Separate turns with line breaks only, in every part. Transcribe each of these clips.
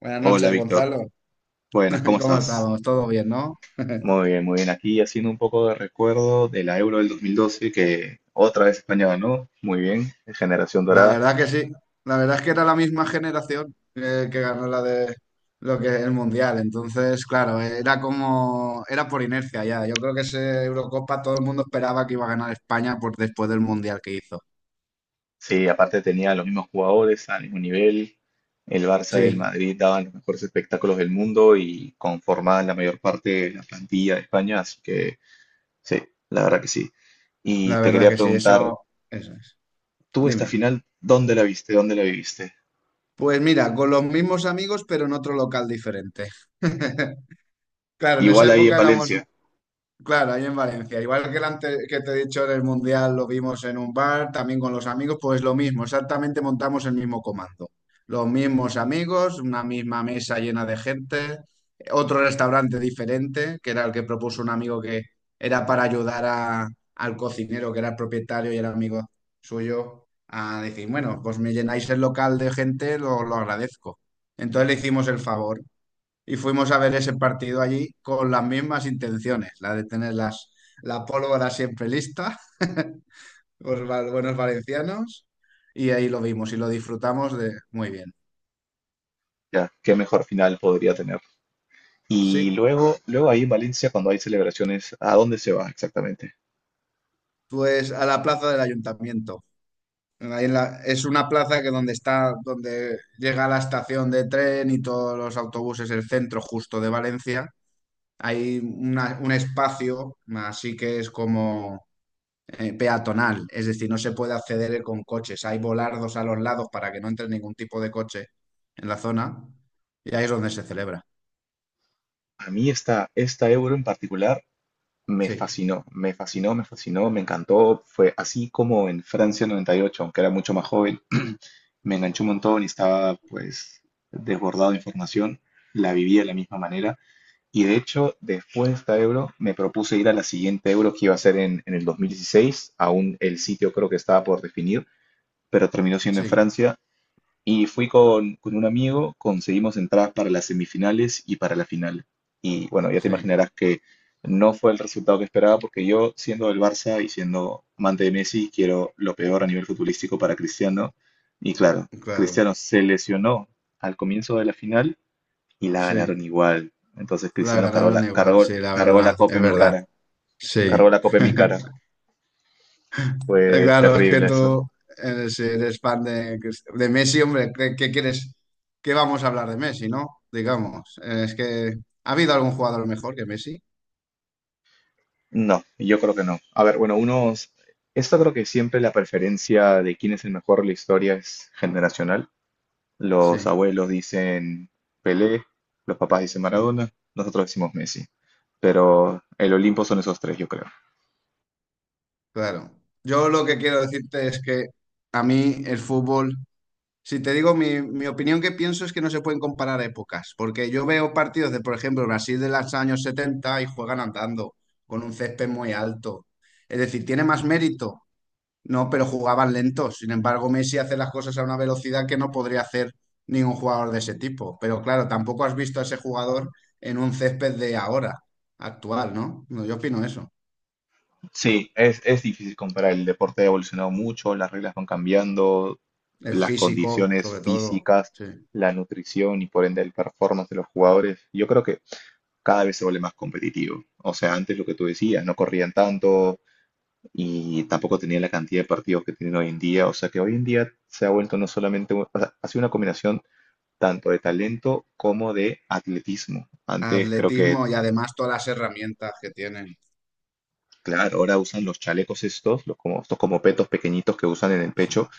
Buenas
Hola
noches,
Víctor,
Gonzalo.
buenas, ¿cómo
¿Cómo
estás?
estamos? ¿Todo bien, no?
Muy bien, muy bien. Aquí haciendo un poco de recuerdo de la Euro del 2012 que otra vez España ganó. Muy bien, generación
La
dorada.
verdad que sí. La verdad es que era la misma generación que ganó la de lo que el Mundial. Entonces, claro, era por inercia ya. Yo creo que ese Eurocopa todo el mundo esperaba que iba a ganar España por después del Mundial que hizo.
Sí, aparte tenía los mismos jugadores al mismo nivel. El Barça y el
Sí,
Madrid daban los mejores espectáculos del mundo y conformaban la mayor parte de la plantilla de España, así que sí, la verdad que sí. Y
la
te
verdad
quería
que sí,
preguntar,
eso es.
¿tú esta
Dime.
final dónde la viste? ¿Dónde la viviste?
Pues mira, con los mismos amigos, pero en otro local diferente. Claro, en esa
Igual ahí en
época éramos.
Valencia,
Claro, ahí en Valencia. Igual que el ante- Que te he dicho, en el Mundial lo vimos en un bar, también con los amigos, pues lo mismo, exactamente montamos el mismo comando. Los mismos amigos, una misma mesa llena de gente, otro restaurante diferente, que era el que propuso un amigo que era al cocinero, que era el propietario y era amigo suyo, a decir, bueno, pues me llenáis el local de gente, lo agradezco. Entonces le hicimos el favor y fuimos a ver ese partido allí con las mismas intenciones, la de tener las, la pólvora siempre lista, buenos valencianos, y ahí lo vimos y lo disfrutamos de muy bien.
ya, ¿qué mejor final podría tener? Y
Sí,
luego, luego ahí en Valencia, cuando hay celebraciones, ¿a dónde se va exactamente?
pues a la plaza del ayuntamiento. Es una plaza que donde está, donde llega la estación de tren y todos los autobuses, el centro justo de Valencia. Hay un espacio, así que es como peatonal, es decir, no se puede acceder con coches. Hay volardos a los lados para que no entre ningún tipo de coche en la zona, y ahí es donde se celebra.
A mí esta Euro en particular me
Sí,
fascinó, me fascinó, me fascinó, me encantó. Fue así como en Francia 98, aunque era mucho más joven, me enganchó un montón y estaba pues desbordado de información. La viví de la misma manera. Y de hecho, después de esta Euro, me propuse ir a la siguiente Euro que iba a ser en el 2016. Aún el sitio creo que estaba por definir, pero terminó siendo en
sí,
Francia. Y fui con un amigo, conseguimos entradas para las semifinales y para la final. Y bueno, ya te
sí,
imaginarás que no fue el resultado que esperaba porque yo, siendo del Barça y siendo amante de Messi, quiero lo peor a nivel futbolístico para Cristiano. Y claro,
claro,
Cristiano se lesionó al comienzo de la final y la ganaron
sí.
igual. Entonces
La
Cristiano cargó
ganaron
la,
igual,
cargó,
sí, la
cargó la
verdad,
copa
es
en mi
verdad.
cara, cargó
Sí.
la copa en mi cara.
Eh,
Fue
Claro, es que
terrible eso.
tú eres fan de Messi, hombre, ¿qué, qué quieres? ¿Qué vamos a hablar de Messi, no? Digamos, es que ¿ha habido algún jugador mejor que Messi?
No, yo creo que no. A ver, bueno, unos... Esto creo que siempre la preferencia de quién es el mejor de la historia es generacional. Los
Sí,
abuelos dicen Pelé, los papás dicen
sí.
Maradona, nosotros decimos Messi. Pero el Olimpo son esos tres, yo creo.
Claro. Yo lo que quiero decirte es que a mí el fútbol, si te digo mi opinión, que pienso es que no se pueden comparar épocas, porque yo veo partidos de, por ejemplo, Brasil de los años 70 y juegan andando, con un césped muy alto. Es decir, tiene más mérito, ¿no? Pero jugaban lentos. Sin embargo, Messi hace las cosas a una velocidad que no podría hacer ningún jugador de ese tipo. Pero claro, tampoco has visto a ese jugador en un césped de ahora, actual, ¿no? No, yo opino eso.
Sí, es difícil comparar. El deporte ha evolucionado mucho, las reglas van cambiando,
El
las
físico,
condiciones
sobre todo.
físicas,
Sí.
la nutrición y por ende el performance de los jugadores. Yo creo que cada vez se vuelve más competitivo. O sea, antes lo que tú decías, no corrían tanto, y tampoco tenía la cantidad de partidos que tienen hoy en día. O sea que hoy en día se ha vuelto no solamente, o sea, ha sido una combinación tanto de talento como de atletismo. Antes creo que,
Atletismo y además todas las herramientas que tienen.
claro, ahora usan los chalecos estos, estos como petos pequeñitos que usan en el
Sí.
pecho,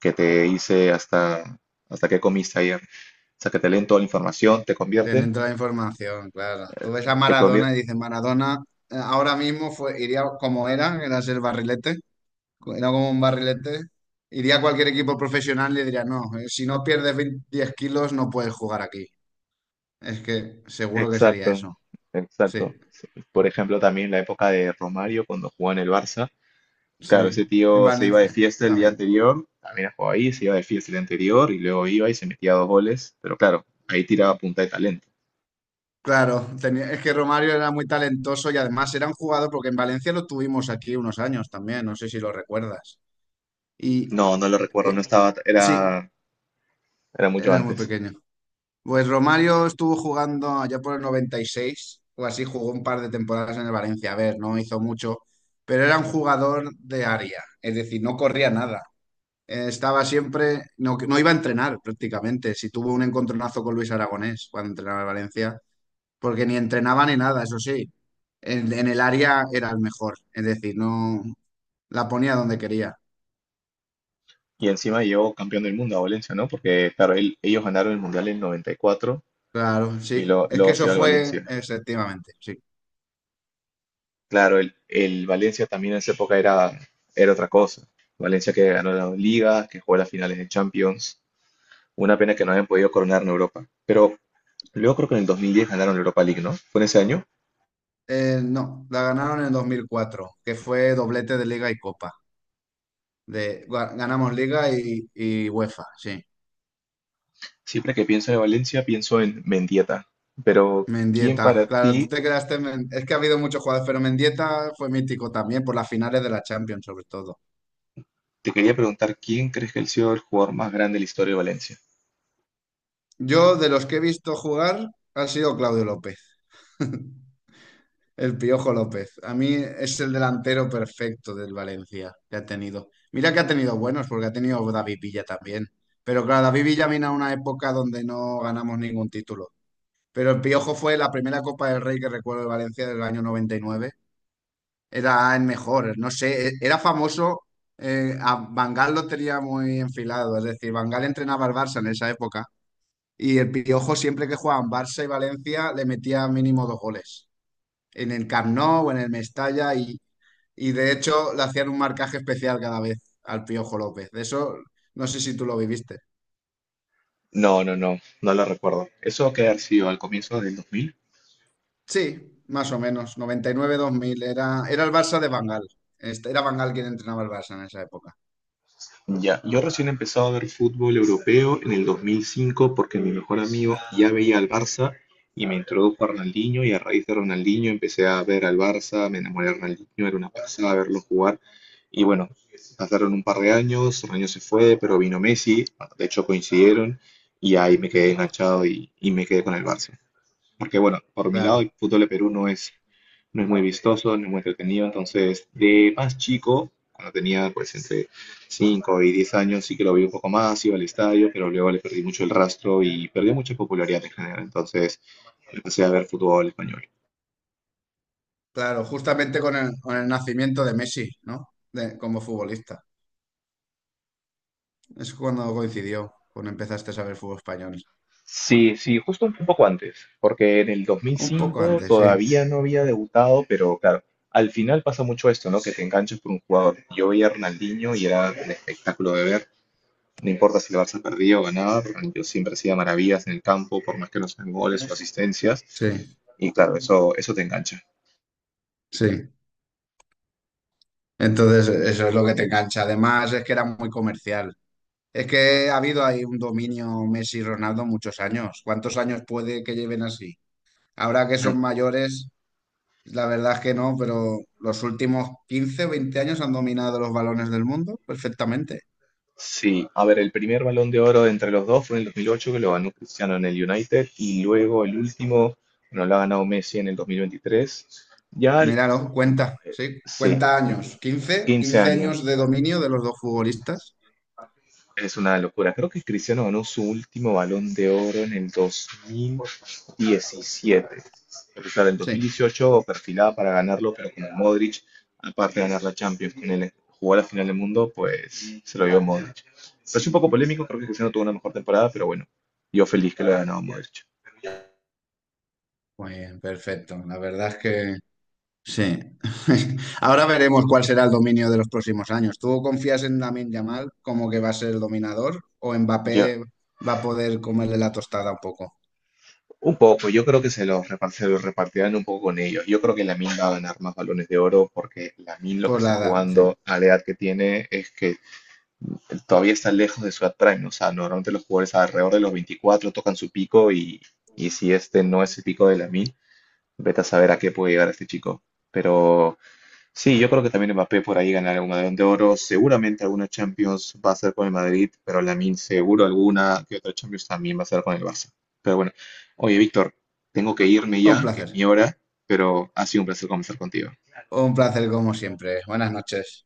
que te dice hasta qué comiste ayer. O sea que te leen toda la información, te convierten,
Tienen toda la información, claro. Tú ves a
te
Maradona
convierten.
y dices, Maradona ahora mismo fue, iría como era, era ser barrilete, era como un barrilete. Iría a cualquier equipo profesional y le diría, no, si no pierdes 20 10 kilos no puedes jugar aquí. Es que seguro que sería
Exacto,
eso. Sí,
exacto. Por ejemplo, también la época de Romario cuando jugaba en el Barça. Claro,
sí.
ese
En
tío se iba de
Valencia
fiesta el día
también.
anterior, también jugó ahí, se iba de fiesta el día anterior y luego iba y se metía dos goles, pero claro, ahí tiraba punta de talento.
Claro, es que Romario era muy talentoso y además era un jugador, porque en Valencia lo tuvimos aquí unos años también, no sé si lo recuerdas. Y
No, no lo recuerdo, no
eh,
estaba,
sí,
era mucho
era muy
antes.
pequeño. Pues Romario estuvo jugando allá por el 96 o así, jugó un par de temporadas en el Valencia. A ver, no hizo mucho, pero era un jugador de área, es decir, no corría nada. Estaba siempre, no, no iba a entrenar prácticamente. Si tuvo un encontronazo con Luis Aragonés cuando entrenaba en Valencia, porque ni entrenaba ni nada, eso sí. En el área era el mejor, es decir, no la ponía donde quería.
Y encima llegó campeón del mundo a Valencia, ¿no? Porque, claro, ellos ganaron el Mundial en 94 y cuatro
Claro,
y
sí. Es que
luego se
eso
iba al
fue,
Valencia.
efectivamente, sí.
Claro, el Valencia también en esa época era, era otra cosa. Valencia que ganó la Liga, que jugó las finales de Champions. Una pena que no hayan podido coronar en Europa. Pero luego creo que en el 2010 ganaron la Europa League, ¿no? Fue en ese año.
No, la ganaron en el 2004, que fue doblete de Liga y Copa. Ganamos Liga y UEFA, sí.
Siempre que pienso en Valencia, pienso en Mendieta. Pero, ¿quién
Mendieta,
para
claro, tú
ti?
te quedaste en, es que ha habido muchos jugadores, pero Mendieta fue mítico también por las finales de la Champions, sobre todo.
Te quería preguntar, ¿quién crees que ha sido el jugador más grande de la historia de Valencia?
Yo, de los que he visto jugar, ha sido Claudio López. El Piojo López. A mí es el delantero perfecto del Valencia que ha tenido. Mira que ha tenido buenos, porque ha tenido David Villa también. Pero claro, David Villa vino a una época donde no ganamos ningún título. Pero el Piojo fue la primera Copa del Rey que recuerdo de Valencia del año 99. Era el mejor, no sé, era famoso. A Van Gaal lo tenía muy enfilado, es decir, Van Gaal entrenaba al Barça en esa época. Y el Piojo siempre que jugaban Barça y Valencia le metía mínimo dos goles en el Camp Nou o en el Mestalla, y de hecho le hacían un marcaje especial cada vez al Piojo López. De eso no sé si tú lo viviste.
No, no, no, no lo recuerdo. ¿Eso que ha sido al comienzo del 2000?
Sí, más o menos, 1999 2000 era, era el Barça de Bangal. Este, era Bangal quien entrenaba el Barça en esa época.
Ya, yo recién he empezado a ver fútbol europeo en el 2005 porque mi mejor amigo ya veía al Barça y me introdujo a Ronaldinho y a raíz de Ronaldinho empecé a ver al Barça, me enamoré de Ronaldinho, era una pasada verlo jugar. Y bueno, pasaron un par de años, Ronaldinho se fue, pero vino Messi, de hecho coincidieron y ahí me quedé
Sí,
enganchado y me quedé con el Barça. Porque bueno, por mi lado el
claro,
fútbol de Perú no es, no es muy vistoso, no es muy entretenido, entonces de más chico, cuando tenía pues entre 5 y 10 años, sí que lo vi un poco más, iba al estadio, pero luego le perdí mucho el rastro y perdí mucha popularidad en general, entonces empecé a ver fútbol español.
claro, justamente con con el nacimiento de Messi, ¿no? Como futbolista. Es cuando coincidió, cuando empezaste a saber fútbol español.
Sí, sí, justo un poco antes, porque en el
Un poco
2005
antes, sí,
todavía no había debutado, pero claro, al final pasa mucho esto, ¿no? Que te enganchas por un jugador. Yo veía a Ronaldinho y era un espectáculo de ver. No importa si el Barça perdió o ganaba, yo siempre hacía maravillas en el campo, por más que no sean goles o asistencias.
sí,
Y claro, eso te engancha.
sí. Entonces, eso es lo que te engancha. Además, es que era muy comercial. Es que ha habido ahí un dominio Messi-Ronaldo muchos años. ¿Cuántos años puede que lleven así? Ahora que son mayores, la verdad es que no, pero los últimos 15, o 20 años han dominado los balones del mundo perfectamente.
Sí, a ver, el primer balón de oro entre los dos fue en el 2008, que lo ganó Cristiano en el United, y luego el último, bueno, lo ha ganado Messi en el 2023. Ya,
Míralo, cuenta, sí,
sí,
cuenta años. quince,
15
quince años
años.
de dominio de los dos futbolistas.
Es una locura. Creo que Cristiano ganó su último Balón de Oro en el 2017. Porque claro, en
Sí,
2018 perfilaba para ganarlo, pero con Modric, aparte de ganar la Champions, con él jugó la final del mundo, pues se lo dio Modric. Pero es un poco polémico, creo que Cristiano tuvo una mejor temporada, pero bueno, yo feliz que lo haya ganado Modric.
muy bien, perfecto. La verdad es que sí. Ahora veremos cuál será el dominio de los próximos años. ¿Tú confías en Lamine Yamal como que va a ser el dominador, o
Yo,
Mbappé va a poder comerle la tostada un poco?
un poco, yo creo que se los repartirán un poco con ellos. Yo creo que Lamine va a ganar más balones de oro porque Lamine lo que
Por
está
la edad, sí.
jugando a la edad que tiene es que todavía está lejos de su edad prime. O sea, normalmente los jugadores alrededor de los 24 tocan su pico y si este no es el pico de Lamine, vete a saber a qué puede llegar este chico. Pero sí, yo creo que también Mbappé por ahí ganará algún Balón de Oro. Seguramente alguna Champions va a ser con el Madrid, pero Lamine seguro alguna que otra Champions también va a ser con el Barça. Pero bueno, oye, Víctor, tengo que irme
Un
ya, que es
placer.
mi hora, pero ha sido un placer conversar contigo.
Un placer como siempre. Buenas noches.